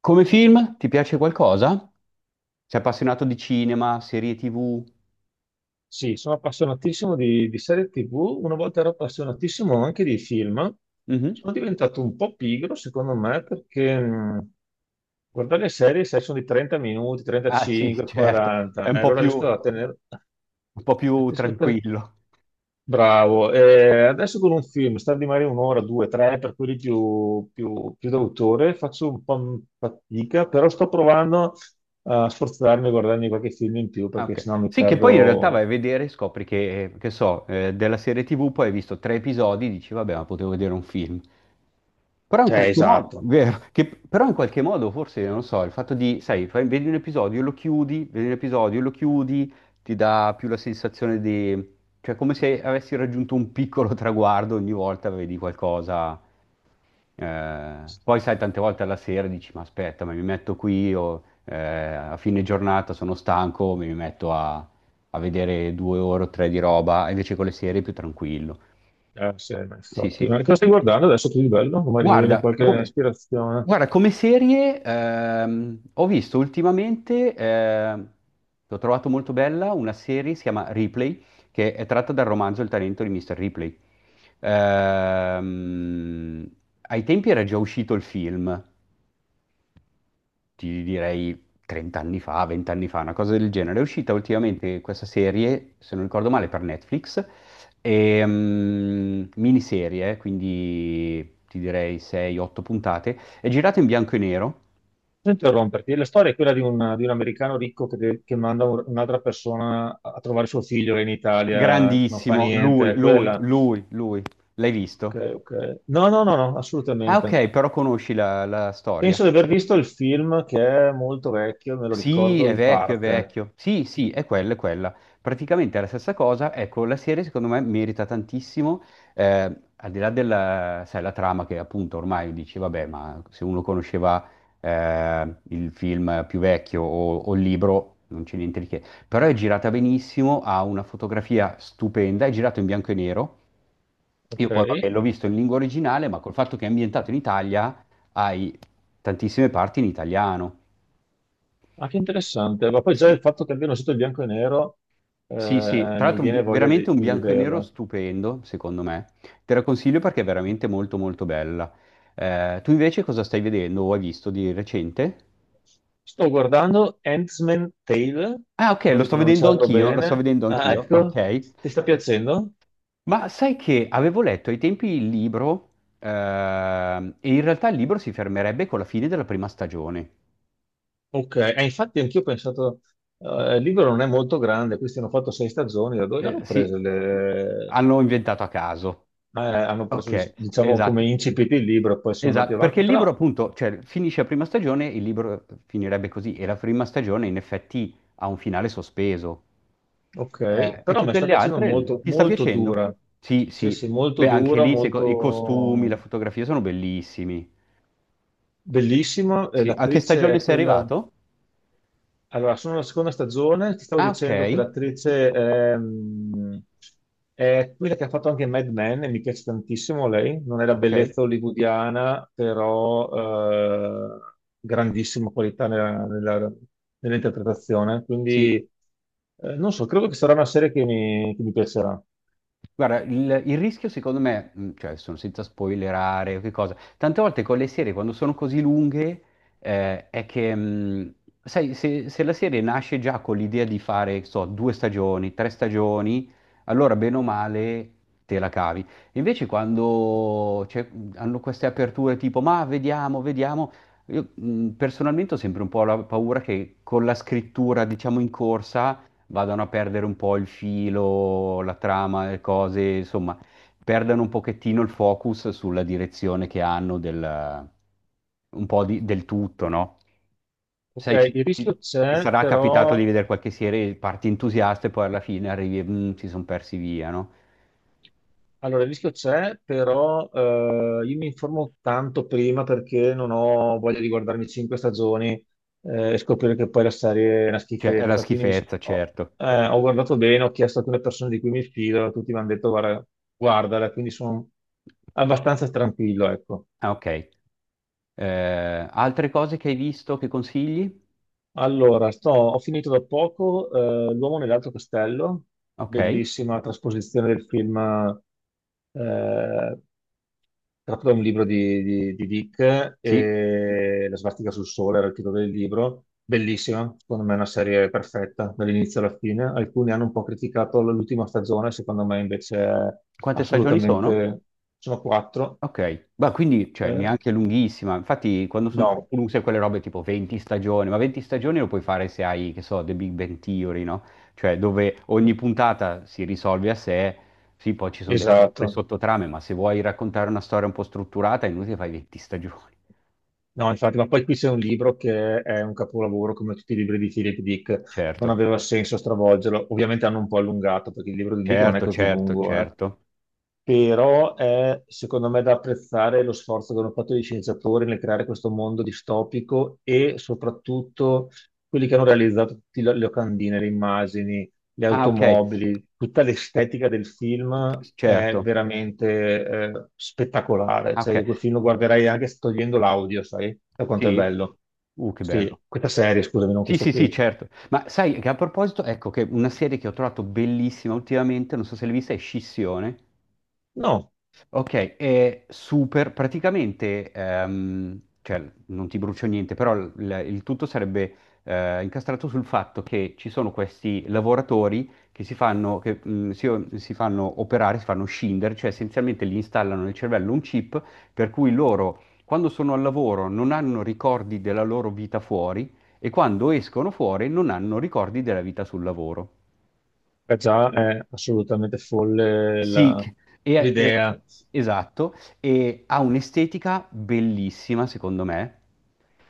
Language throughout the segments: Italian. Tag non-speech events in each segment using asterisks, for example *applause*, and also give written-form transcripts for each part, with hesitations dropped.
Come film, ti piace qualcosa? Sei appassionato di cinema, serie TV? Sì, sono appassionatissimo di serie TV, una volta ero appassionatissimo anche di film. Mhm. Sono diventato un po' pigro, secondo me, perché guardare le serie sai, sono di 30 minuti, Ah sì, 35, certo, è 40, e allora riesco a un po' più riesco a tenere- tranquillo. Bravo. E adesso con un film, star di magari un'ora, due, tre, per quelli più d'autore, faccio un po' fatica, però sto provando a sforzarmi a guardarmi qualche film in più, Ah, perché ok. sennò mi Sì, che poi in realtà vai perdo. a vedere e scopri che so, della serie TV poi hai visto tre episodi e dici, vabbè, ma potevo vedere un film. Però in Cioè, qualche modo, esatto. vero, però in qualche modo forse, non so, il fatto di, sai, vedi un episodio, lo chiudi, vedi un episodio, lo chiudi, ti dà più la sensazione di, cioè come se avessi raggiunto un piccolo *laughs* traguardo ogni volta vedi qualcosa. Eh, poi sai, tante volte alla sera dici, ma aspetta, ma mi metto qui, o, a fine giornata sono stanco, mi metto a vedere 2 ore o tre di roba, invece con le serie è più tranquillo. Sì, ma Sì, infatti. sì. Ma cosa stai guardando adesso tu di bello? Magari mi viene Guarda, qualche ispirazione. guarda, come serie ho visto ultimamente, l'ho trovato molto bella, una serie si chiama Ripley, che è tratta dal romanzo Il talento di Mr. Ripley. Ehm, Ai tempi era già uscito il film, ti direi 30 anni fa, 20 anni fa, una cosa del genere. È uscita ultimamente questa serie, se non ricordo male, per Netflix, e, miniserie, quindi ti direi 6-8 puntate, è girata in bianco e nero, Non interromperti. La storia è quella di un americano ricco che manda un'altra persona a trovare suo figlio che è in Italia, non fa grandissimo, niente, lui, è lui, quella. lui, lui, l'hai Ok, visto? ok. No, no, no, no, Ah assolutamente. ok, però conosci la storia. Penso di aver visto il film che è molto vecchio, me lo Sì, ricordo è in vecchio, è parte. vecchio. Sì, sì, è quella, è quella. Praticamente è la stessa cosa. Ecco, la serie secondo me merita tantissimo, al di là della, sai, la trama che appunto ormai dici, vabbè, ma se uno conosceva il film più vecchio o il libro, non c'è niente di che. Però è girata benissimo, ha una fotografia stupenda, è girato in bianco e nero. Ok. Io poi, vabbè, l'ho visto in lingua originale, ma col fatto che è ambientato in Italia, hai tantissime parti in italiano. Ah, che interessante. Ma poi già il Sì, fatto che abbiano sito il bianco e nero, Sì, sì, tra mi l'altro viene voglia veramente di un di bianco e nero vederla. stupendo, secondo me. Te la consiglio perché è veramente molto molto bella. Tu invece cosa stai vedendo o hai visto di recente? Sto guardando Handmaid's Tale, Ah, ok, spero lo di sto vedendo pronunciarlo anch'io, lo sto bene. vedendo Ah, anch'io, ecco, ok. ti sta piacendo? Ma sai che avevo letto ai tempi il libro, e in realtà il libro si fermerebbe con la fine della prima stagione. Ok, e infatti anch'io ho pensato, il libro non è molto grande, questi hanno fatto sei stagioni, da dove l'hanno Sì, preso? hanno inventato a caso. Hanno preso, Ok, diciamo, come esatto. incipit il libro, poi sono andati Esatto, perché avanti. il libro Però, appunto, cioè, finisce la prima stagione, il libro finirebbe così e la prima stagione in effetti ha un finale sospeso. ok, E però mi tutte sta le piacendo altre molto, ti sta molto piacendo? dura. Sì, Sì, sì, sì, molto beh anche dura, lì i costumi, la molto fotografia sono bellissimi. bellissima. E Sì. A che l'attrice stagione è sei quella. arrivato? Allora, sono alla seconda stagione, ti stavo Ah, ok, dicendo che l'attrice è quella che ha fatto anche Mad Men e mi piace tantissimo lei, non è la ok, bellezza hollywoodiana, però grandissima qualità nell'interpretazione, quindi sì. Non so, credo che sarà una serie che mi piacerà. Guarda, il rischio secondo me, cioè sono senza spoilerare, o che cosa, tante volte con le serie quando sono così lunghe è che, sai, se la serie nasce già con l'idea di fare, che so, due stagioni, tre stagioni, allora bene o male te la cavi. Invece quando hanno queste aperture tipo, ma vediamo, vediamo, io personalmente ho sempre un po' la paura che con la scrittura, diciamo, in corsa vadano a perdere un po' il filo, la trama, le cose, insomma, perdano un pochettino il focus sulla direzione che hanno del tutto, no? Ok, Sai, il rischio ti c'è, sarà capitato però di vedere qualche serie, parti entusiasta e poi alla fine arrivi e "Mm, si sono persi via, no? Allora, il rischio c'è, però, io mi informo tanto prima perché non ho voglia di guardarmi cinque stagioni e scoprire che poi la serie è una Cioè, è la schifezza. Quindi schifezza, ho, certo. eh, ho guardato bene, ho chiesto a alcune persone di cui mi fido, tutti mi hanno detto guarda, guardala, quindi sono abbastanza tranquillo, ecco. Ah, ok. Altre cose che hai visto che consigli? Allora, ho finito da poco, L'uomo nell'altro castello, Ok. bellissima trasposizione del film, eh, tratto da un libro di Dick, Sì. e La sbartica sul sole era il titolo del libro, bellissima, secondo me è una serie perfetta dall'inizio alla fine. Alcuni hanno un po' criticato l'ultima stagione, secondo me invece Quante stagioni sono? assolutamente... Sono quattro. Ok, ma quindi cioè, Eh, neanche lunghissima, infatti quando sono no, troppo lunghe sai, quelle robe tipo 20 stagioni, ma 20 stagioni lo puoi fare se hai, che so, The Big Bang Theory, no? Cioè dove ogni puntata si risolve a sé, sì, poi ci sono delle esatto. sottotrame, ma se vuoi raccontare una storia un po' strutturata è inutile fai 20 *laughs* stagioni. No, infatti, ma poi qui c'è un libro che è un capolavoro come tutti i libri di Philip Dick, non Certo, aveva senso stravolgerlo. Ovviamente hanno un po' allungato perché il libro di Dick non è certo, così certo, lungo, certo. però è secondo me da apprezzare lo sforzo che hanno fatto gli scienziatori nel creare questo mondo distopico e soprattutto quelli che hanno realizzato tutte le locandine, le immagini, le Ah, ok, automobili, tutta l'estetica del film è certo. veramente spettacolare. Ah, Cioè, ok, io quel film lo guarderei anche togliendo l'audio, sai, da quanto è sì. bello. Che Sì, bello. questa serie, scusami, non Sì, questo sì, sì, film. certo. Ma sai che a proposito, ecco che una serie che ho trovato bellissima ultimamente, non so se l'hai vista, è Scissione. No, Ok, è super, praticamente, cioè non ti brucio niente, però il tutto sarebbe incastrato sul fatto che ci sono questi lavoratori che si fanno, si fanno operare, si fanno scindere, cioè essenzialmente gli installano nel cervello un chip per cui loro quando sono al lavoro non hanno ricordi della loro vita fuori e quando escono fuori non hanno ricordi della vita sul lavoro. è assolutamente folle Sì, e- e- l'idea. esatto, e ha un'estetica bellissima, secondo me,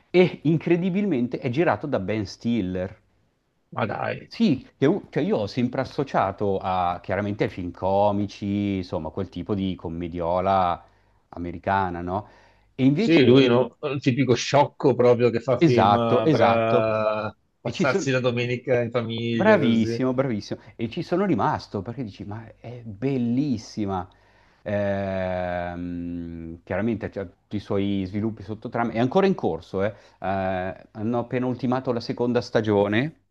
e incredibilmente è girato da Ben Stiller. Ma dai. Sì, cioè io ho sempre associato chiaramente ai film comici, insomma, quel tipo di commediola americana, no? E Sì, lui invece. no, il tipico sciocco proprio che fa film Esatto, per, esatto. E ci sono. passarsi la domenica in famiglia, così. Bravissimo, bravissimo. E ci sono rimasto perché dici, ma è bellissima. Chiaramente c'ha tutti i suoi sviluppi sottotrama. È ancora in corso, eh. Hanno appena ultimato la seconda stagione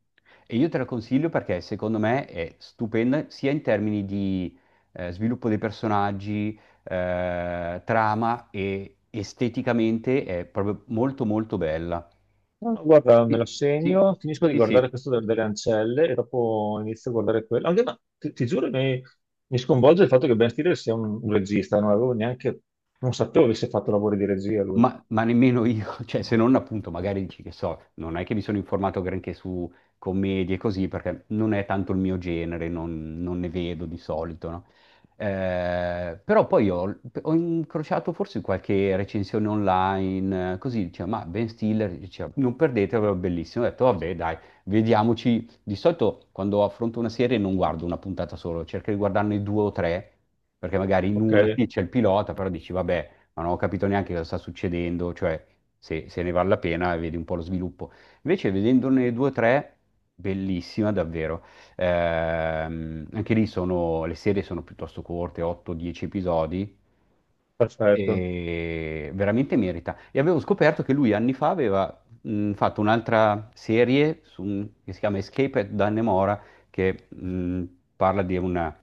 e io te la consiglio perché secondo me è stupenda sia in termini di sviluppo dei personaggi, trama e esteticamente è proprio molto molto bella. No, no, guarda, me Sì, lo sì, segno, finisco di sì, guardare sì. questo delle ancelle e dopo inizio a guardare quello. Anche, ma ti giuro, mi sconvolge il fatto che Ben Stiller sia un regista, non avevo neanche, non sapevo avesse fatto lavori di regia lui. Ma nemmeno io, *laughs* cioè se non appunto magari dici che so, non è che mi sono informato granché su commedie e così, perché non è tanto il mio genere, non ne vedo di solito, no? Però poi ho incrociato forse qualche recensione online, così diceva, ma Ben Stiller, diceva, non perdetevelo, è bellissimo. Ho detto, vabbè, dai, vediamoci. Di solito quando affronto una serie non guardo una puntata solo, cerco di guardarne due o tre, perché magari in Ok, una sì, c'è il pilota, però dici, vabbè ma non ho capito neanche cosa sta succedendo, cioè se ne vale la pena e vedi un po' lo sviluppo. Invece vedendone due o tre, bellissima davvero. Anche lì sono, le serie sono piuttosto corte, 8-10 episodi, perfetto. e veramente merita. E avevo scoperto che lui anni fa aveva fatto un'altra serie che si chiama Escape at Dannemora, che parla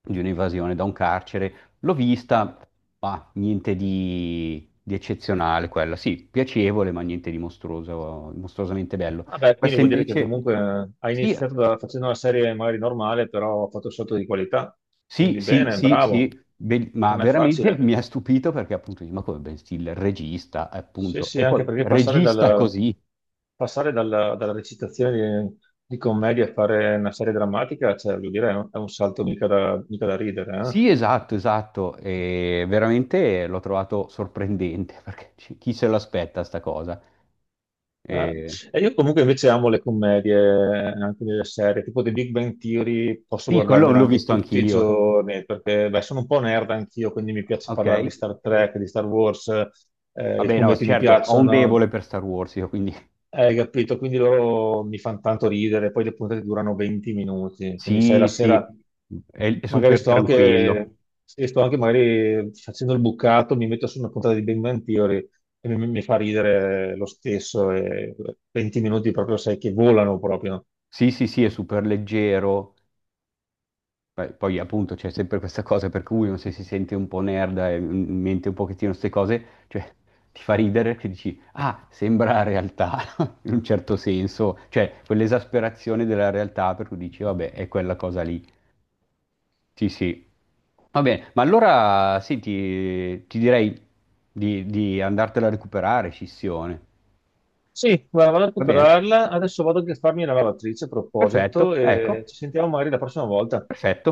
di un'evasione da un carcere. L'ho vista, ma niente di eccezionale quella. Sì, piacevole, ma niente di mostruoso, mostruosamente bello. Vabbè, quindi Questa vuol dire che invece, comunque, ha sì, iniziato facendo una serie magari normale, però ha fatto un salto di qualità. sì, Quindi sì, bene, sì, bravo. sì. Ma Non è veramente facile. mi ha stupito perché appunto, dici, ma come Ben Stiller, regista, Sì, appunto, sì, e poi anche perché passare, regista dal- così. passare dalla recitazione di commedia a fare una serie drammatica, cioè, voglio dire, è un salto mica da ridere, eh? Sì, esatto, esatto, e veramente l'ho trovato sorprendente *laughs* perché chi se l'aspetta sta cosa? Eh, E- e io comunque invece amo le commedie, anche delle serie, tipo The Big Bang Theory, posso Sì, quello guardarmela l'ho anche visto tutti i anch'io. giorni, perché beh, sono un po' nerd anch'io, quindi mi piace Ok, parlare di Star Trek, di Star Wars, i vabbè, no, fumetti mi certo, ho un piacciono, debole per Star Wars, io quindi hai capito? Quindi loro mi fanno tanto ridere, poi le puntate durano 20 minuti, quindi sai, la sì, sì, sera è magari super sto tranquillo. anche, sì, sto anche magari facendo il bucato, mi metto su una puntata di Big Bang Theory e mi fa ridere lo stesso, e 20 minuti proprio sai che volano proprio. Sì, sì, sì, è super leggero. Poi, appunto c'è sempre questa cosa per cui uno se si sente un po' nerd e in mente un pochettino queste cose, cioè ti fa ridere che dici, ah, sembra realtà, *laughs* in un certo senso, cioè quell'esasperazione della realtà per cui dici, vabbè, è quella cosa lì. Sì, sì. Va bene, ma allora sì, ti direi di andartela a recuperare, scissione. Sì, guarda, vado a Va bene? recuperarla, adesso vado anche a farmi la lavatrice a proposito Perfetto, ecco, e ci sentiamo magari la prossima volta. perfetto.